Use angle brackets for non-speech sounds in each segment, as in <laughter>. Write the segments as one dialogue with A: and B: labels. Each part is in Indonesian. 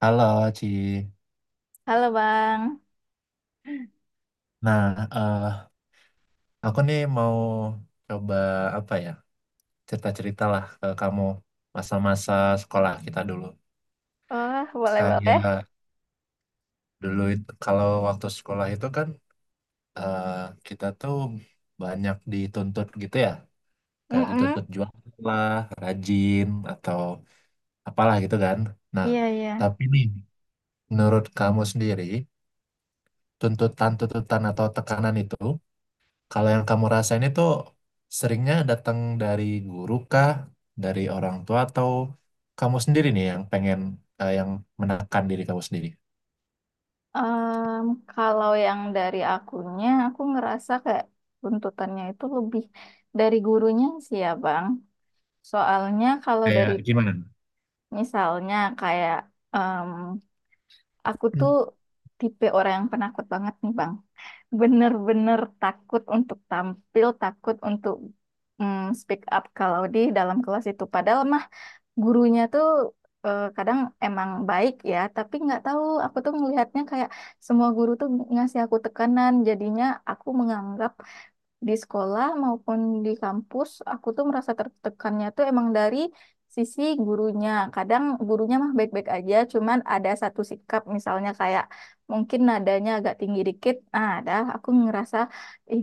A: Halo, Ci.
B: Halo Bang.
A: Nah, eh, aku nih mau coba apa ya? Cerita-cerita lah ke kamu masa-masa sekolah kita dulu.
B: Oh, boleh-boleh.
A: Kayak dulu itu kalau waktu sekolah itu kan eh, kita tuh banyak dituntut gitu ya. Kayak
B: Mm-mm.
A: dituntut jualan lah, rajin atau apalah gitu kan. Nah,
B: Iya, iya.
A: tapi nih menurut kamu sendiri tuntutan-tuntutan atau tekanan itu, kalau yang kamu rasain itu seringnya datang dari guru kah, dari orang tua atau kamu sendiri nih yang pengen, yang menekan diri kamu sendiri?
B: Em, Kalau yang dari akunya, aku ngerasa kayak tuntutannya itu lebih dari gurunya sih ya Bang. Soalnya kalau dari
A: Kayak gimana?
B: misalnya kayak em, aku
A: Hmm.
B: tuh tipe orang yang penakut banget nih Bang. Bener-bener takut untuk tampil, takut untuk speak up kalau di dalam kelas itu. Padahal mah gurunya tuh kadang emang baik ya, tapi nggak tahu aku tuh ngelihatnya kayak semua guru tuh ngasih aku tekanan, jadinya aku menganggap di sekolah maupun di kampus aku tuh merasa tertekannya tuh emang dari sisi gurunya. Kadang gurunya mah baik-baik aja, cuman ada satu sikap misalnya kayak mungkin nadanya agak tinggi dikit. Nah ada, aku ngerasa ih,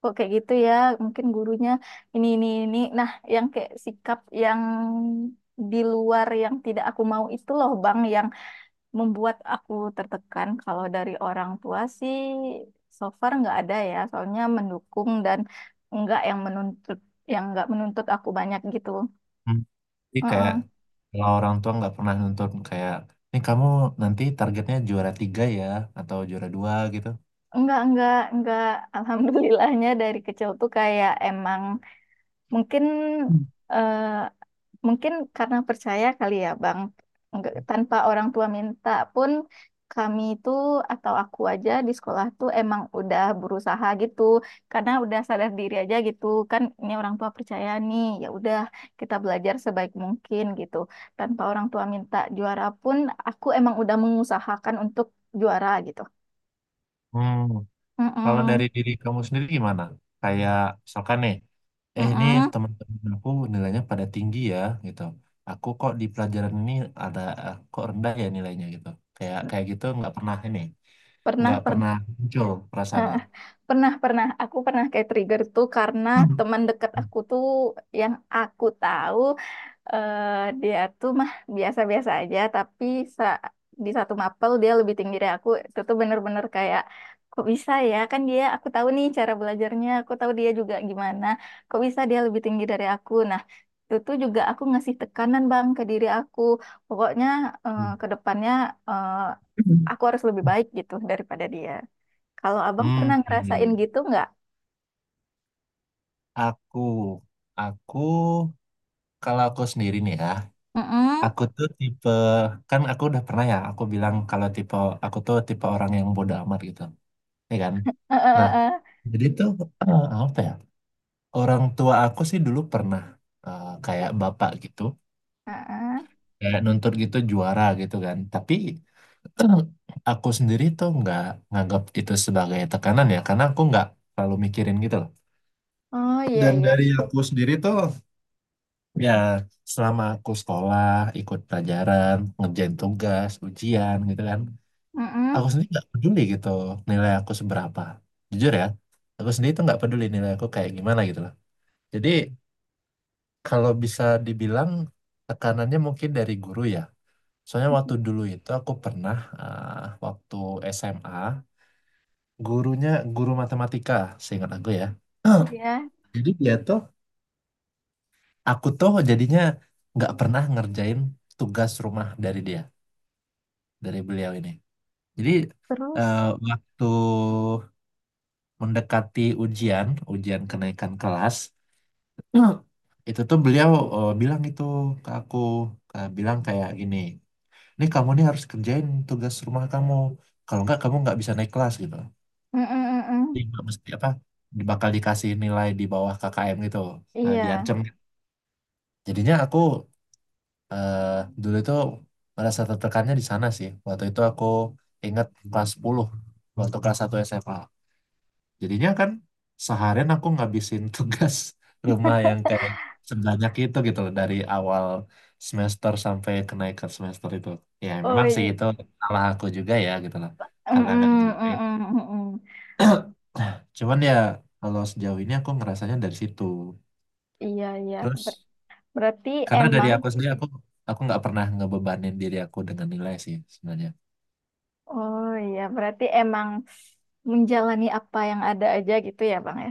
B: kok kayak gitu ya, mungkin gurunya ini. Nah, yang kayak sikap yang di luar yang tidak aku mau itu loh Bang, yang membuat aku tertekan. Kalau dari orang tua sih so far nggak ada ya, soalnya mendukung dan nggak yang menuntut, yang nggak menuntut aku banyak gitu.
A: Jadi kayak
B: Heeh.
A: kalau orang tua nggak pernah nuntut kayak ini kamu nanti targetnya juara tiga ya atau juara dua gitu.
B: Enggak, enggak. <laughs> Alhamdulillahnya dari kecil tuh kayak emang mungkin
A: Hmm.
B: eh, mungkin karena percaya kali ya, Bang. Tanpa orang tua minta pun kami itu atau aku aja di sekolah tuh emang udah berusaha gitu. Karena udah sadar diri aja gitu. Kan ini orang tua percaya nih, ya udah kita belajar sebaik mungkin gitu. Tanpa orang tua minta juara pun aku emang udah mengusahakan untuk juara gitu.
A: Hmm. Kalau
B: Mm-mm,
A: dari diri kamu sendiri gimana? Kayak misalkan nih, ini
B: mm-mm.
A: teman-teman aku nilainya pada tinggi ya gitu. Aku kok di pelajaran ini ada kok rendah ya nilainya gitu. Kayak kayak gitu nggak pernah
B: Pernah,
A: nggak
B: pernah.
A: pernah muncul
B: Eh,
A: perasaannya.
B: pernah, aku pernah kayak trigger tuh karena
A: <clears throat>
B: teman dekat aku tuh yang aku tahu eh, dia tuh mah biasa-biasa aja, tapi sa- di satu mapel dia lebih tinggi dari aku. Itu tuh bener-bener kayak, kok bisa ya, kan dia aku tahu nih cara belajarnya, aku tahu dia juga gimana, kok bisa dia lebih tinggi dari aku. Nah itu tuh juga aku ngasih tekanan bang ke diri aku, pokoknya
A: Hmm.
B: ke depannya eh, aku harus lebih baik gitu daripada dia. Kalau abang
A: Hmm,
B: pernah ngerasain
A: hmm.
B: gitu nggak?
A: aku, aku, Kalau aku sendiri nih ya,
B: Mm-mm.
A: aku tuh tipe, kan aku udah pernah ya, aku bilang kalau tipe, aku tuh tipe orang yang bodoh amat gitu, ya kan?
B: Eh, eh,
A: Nah,
B: eh, eh.
A: jadi tuh apa ya? Orang tua aku sih dulu pernah kayak bapak gitu,
B: Eh, eh.
A: kayak nuntut gitu juara gitu kan. Tapi <clears throat> aku sendiri tuh nggak nganggap itu sebagai tekanan ya, karena aku nggak terlalu mikirin gitu loh.
B: Oh iya
A: Dan
B: iya.
A: dari aku sendiri tuh ya selama aku sekolah, ikut pelajaran, ngerjain tugas, ujian gitu kan,
B: Mm-mm.
A: aku sendiri nggak peduli gitu nilai aku seberapa. Jujur ya, aku sendiri tuh nggak peduli nilai aku kayak gimana gitu loh. Jadi, kalau bisa dibilang tekanannya mungkin dari guru ya. Soalnya waktu dulu itu aku pernah, waktu SMA gurunya guru matematika, seingat aku ya.
B: Iya.
A: <clears throat> Jadi dia tuh aku tuh jadinya nggak pernah ngerjain tugas rumah dari dia, dari beliau ini. Jadi eh,
B: Terus.
A: waktu mendekati ujian, ujian kenaikan kelas, <clears throat> itu tuh beliau bilang itu ke aku, bilang kayak gini. Ini kamu nih harus kerjain tugas rumah kamu. Kalau nggak kamu nggak bisa naik kelas gitu.
B: Mm-mm,
A: Jadi
B: mm-mm.
A: nggak mesti apa, bakal dikasih nilai di bawah KKM gitu. Nah,
B: Iya.
A: diancam. Jadinya aku eh, dulu itu merasa tertekannya di sana sih. Waktu itu aku ingat kelas 10, waktu kelas 1 SMA. Jadinya kan seharian aku ngabisin tugas <laughs> rumah yang kayak sebanyak itu gitu loh dari awal semester sampai kenaikan semester itu. Ya
B: Oh
A: memang sih
B: iya.
A: itu salah aku juga ya gitu loh karena nggak
B: Mm-mm,
A: ngerjain.
B: mm-mm, mm-mm.
A: <clears throat> Cuman ya kalau sejauh ini aku ngerasanya dari situ.
B: Iya, iya. Ber-
A: Terus
B: Berarti
A: karena dari
B: emang,
A: aku sendiri aku nggak pernah ngebebanin diri aku dengan nilai sih sebenarnya.
B: oh iya, berarti emang menjalani apa yang ada aja gitu ya, Bang ya.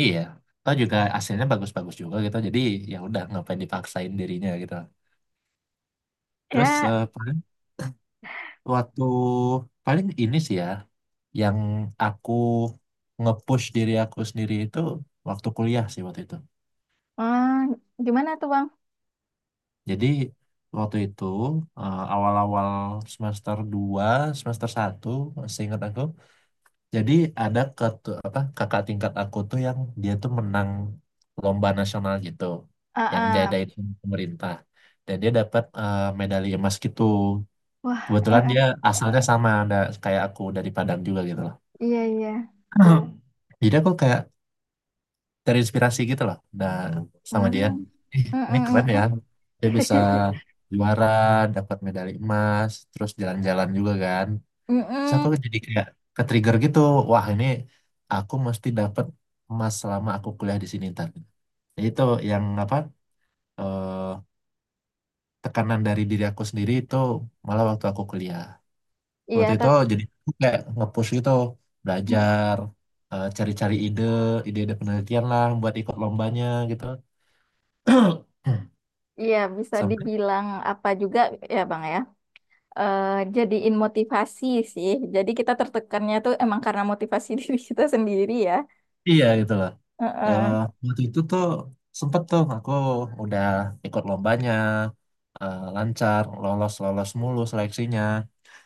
A: Iya. Atau juga hasilnya bagus-bagus juga gitu. Jadi ya udah ngapain dipaksain dirinya gitu. Terus,
B: Ya,
A: Waktu paling ini sih ya, yang aku nge-push diri aku sendiri itu waktu kuliah sih waktu itu.
B: hmm, gimana tuh, Bang?
A: Jadi waktu itu awal-awal semester 2 semester 1, seingat aku. Jadi ada kakak tingkat aku tuh yang dia tuh menang lomba nasional gitu, yang
B: Ah, ah.
A: diadain sama pemerintah. Dan dia dapat medali emas gitu.
B: Wah, eh,
A: Kebetulan
B: eh.
A: dia asalnya sama ada kayak aku dari Padang juga gitu.
B: Iya, iya.
A: <clears throat> Jadi aku kayak terinspirasi gitu loh, nah, sama dia.
B: Hmm.
A: Ih, ini keren
B: Mm-mm,
A: ya. Dia bisa
B: mm-mm. <laughs>
A: juara, dapat medali emas, terus jalan-jalan juga kan. Terus aku
B: Mm-mm.
A: jadi kayak ke-trigger gitu. Wah, ini aku mesti dapat emas selama aku kuliah di sini ntar. Jadi itu yang apa, eh, tekanan dari diri aku sendiri itu malah waktu aku kuliah.
B: Iya,
A: Waktu itu
B: tapi
A: jadi aku kayak nge-push gitu belajar, cari-cari ide-ide penelitian lah buat ikut lombanya gitu. <clears throat>
B: iya, bisa
A: Sampai
B: dibilang apa juga ya Bang ya. Eh jadiin motivasi sih. Jadi kita tertekannya tuh emang karena motivasi <laughs> diri kita sendiri ya.
A: iya gitu loh. Eh,
B: Heeh.
A: Waktu itu tuh sempet tuh aku udah ikut lombanya, lancar lolos lolos mulu seleksinya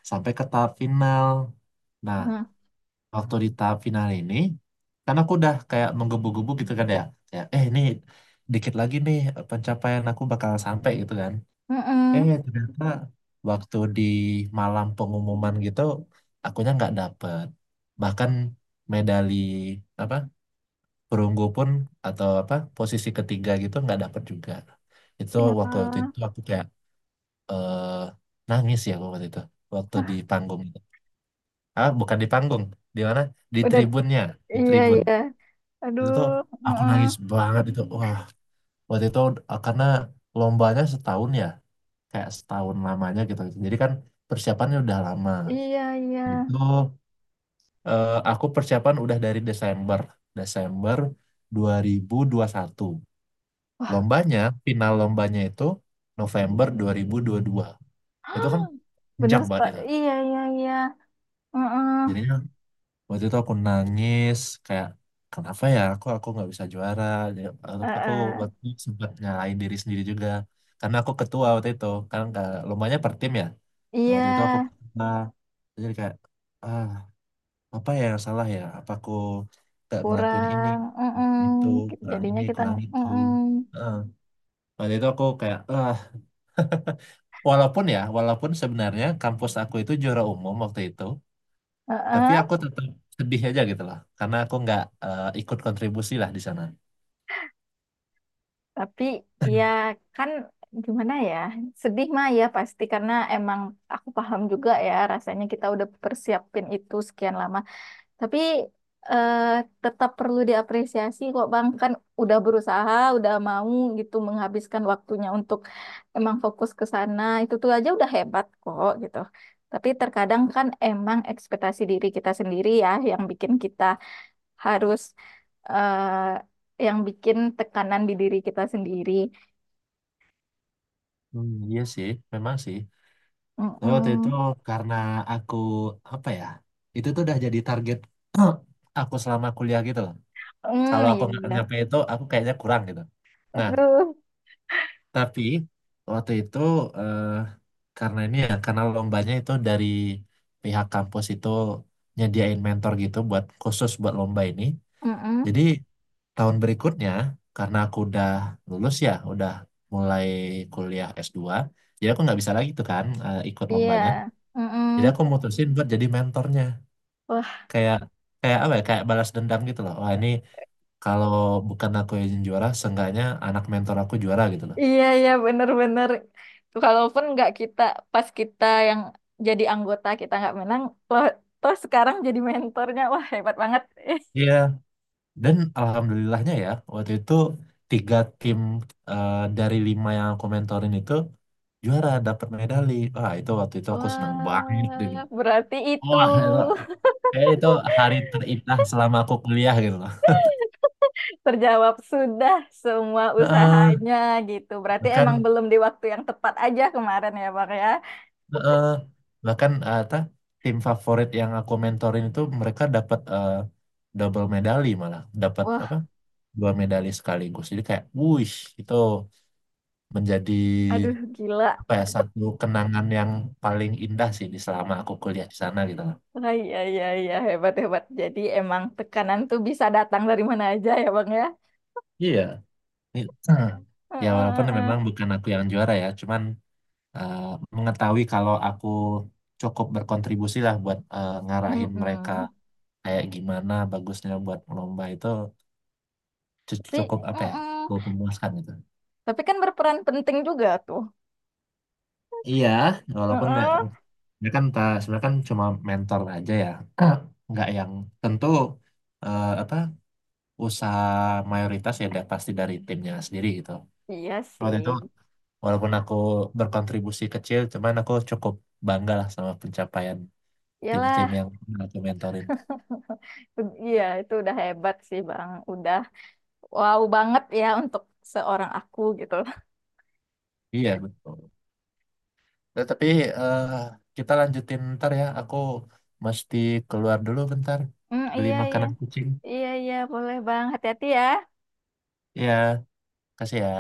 A: sampai ke tahap final, nah,
B: Nah,
A: waktu di tahap final ini karena aku udah kayak menggebu-gebu gitu kan ya, kayak, ini dikit lagi nih pencapaian aku bakal sampai gitu kan.
B: heeh.
A: Ternyata waktu di malam pengumuman gitu akunya nggak dapet, bahkan medali apa perunggu pun atau apa posisi ketiga gitu nggak dapet juga. Itu
B: Ya,
A: waktu
B: ah,
A: itu aku kayak, eh, nangis ya aku waktu itu, waktu di panggung itu, bukan di panggung, di mana, di
B: udah
A: tribunnya, di
B: iya
A: tribun.
B: iya. Aduh,
A: Itu tuh aku
B: heeh.
A: nangis banget itu, wah, waktu itu, karena lombanya setahun ya kayak setahun lamanya gitu. Jadi kan persiapannya udah lama.
B: Iya iya.
A: Itu aku persiapan udah dari Desember, Desember dua ribu satu.
B: Wah,
A: Lombanya, final lombanya itu November dua ribu dua. Itu kan
B: bener
A: panjang banget
B: Pak.
A: itu.
B: Iya iya iya. Heeh.
A: Jadinya waktu itu aku nangis kayak kenapa ya aku nggak bisa juara. Jadi, Aku
B: Heeh.
A: waktu itu sempat nyalain diri sendiri juga karena aku ketua waktu itu. Kan lombanya per tim ya. Nah,
B: Iya,
A: waktu itu aku ketua. Jadi kayak, ah apa ya yang salah ya apa aku gak ngelakuin ini
B: kurang. Heeh.
A: ngelakuin itu, kurang
B: Jadinya
A: ini
B: kita
A: kurang itu.
B: heeh.
A: Heeh. Waktu itu aku kayak, walaupun sebenarnya kampus aku itu juara umum waktu itu, tapi
B: Heeh.
A: aku tetap sedih aja gitu loh karena aku nggak ikut kontribusi lah di sana.
B: Tapi ya kan gimana ya, sedih mah ya pasti karena emang aku paham juga ya rasanya kita udah persiapin itu sekian lama. Tapi eh, tetap perlu diapresiasi kok Bang, kan udah berusaha, udah mau gitu menghabiskan waktunya untuk emang fokus ke sana, itu tuh aja udah hebat kok gitu. Tapi terkadang kan emang ekspektasi diri kita sendiri ya yang bikin kita harus yang bikin tekanan di diri kita sendiri.
A: Hmm, iya sih, memang sih. Tapi waktu itu
B: Mm-mm.
A: karena aku apa ya, itu tuh udah jadi target <clears throat> aku selama kuliah gitu loh. Kalau
B: Mm,
A: aku
B: iya,
A: nggak
B: iya.
A: nyampe itu, aku kayaknya kurang gitu. Nah,
B: Aduh,
A: tapi waktu itu eh, karena ini ya karena lombanya itu dari pihak kampus itu nyediain mentor gitu buat khusus buat lomba ini.
B: mm-mm.
A: Jadi tahun berikutnya karena aku udah lulus ya, udah mulai kuliah S2 jadi aku nggak bisa lagi tuh kan ikut
B: Iya.
A: lombanya.
B: Mm-mm.
A: Jadi aku mutusin buat jadi mentornya.
B: Wah,
A: Kayak kayak apa ya? Kayak balas dendam gitu loh. Wah, ini kalau bukan aku yang juara, seenggaknya anak mentor aku juara gitu loh.
B: iya iya bener-bener. Kalaupun nggak, kita pas kita yang jadi anggota kita nggak menang, loh, toh sekarang jadi mentornya, wah hebat banget. Eh,
A: Iya. Dan alhamdulillahnya ya, waktu itu tiga tim dari lima yang aku mentorin itu juara, dapat medali. Wah, itu waktu itu aku seneng banget gitu.
B: wah, berarti itu
A: Wah, itu, kayak itu hari terindah selama aku kuliah gitu loh.
B: <laughs> terjawab sudah semua
A: Heeh,
B: usahanya gitu. Berarti
A: bahkan,
B: emang belum di waktu yang tepat aja kemarin ya, Bang ya.
A: heeh, bahkan apa, tim favorit yang aku mentorin itu mereka dapat double medali malah, dapat apa?
B: Wah,
A: Dua medali sekaligus. Jadi kayak, wuih, itu menjadi
B: aduh gila.
A: apa ya satu kenangan yang paling indah sih di selama aku kuliah di sana gitu loh.
B: Ah, iya, iya, iya, hebat, hebat. Jadi emang tekanan tuh bisa datang dari mana aja ya, Bang ya.
A: Iya. Ini- eh, Ya
B: Heeh,
A: walaupun
B: heeh.
A: memang bukan aku yang juara ya, cuman eh, mengetahui kalau aku cukup berkontribusi lah buat ngarahin mereka
B: Mm-mm.
A: kayak gimana bagusnya buat lomba itu
B: Tapi,
A: cukup apa ya,
B: mm-mm.
A: cukup memuaskan gitu.
B: Tapi kan berperan penting juga tuh.
A: Iya, walaupun ya,
B: Heeh.
A: ya kan sebenarnya kan cuma mentor aja ya, <clears throat> nggak yang tentu apa usaha mayoritas ya pasti dari timnya sendiri gitu.
B: Iya
A: Waktu
B: sih.
A: itu walaupun aku berkontribusi kecil, cuman aku cukup bangga lah sama pencapaian tim-tim
B: Iyalah,
A: yang pernah aku mentorin.
B: itu- iya itu udah hebat sih, Bang. Udah wow banget ya untuk seorang aku gitu. <laughs>
A: Iya betul. Nah, tapi eh, kita lanjutin ntar ya. Aku mesti keluar dulu bentar
B: Mm,
A: beli
B: iya, iya.
A: makanan kucing.
B: Iya, iya, boleh, Bang. Hati-hati ya.
A: Iya, kasih ya.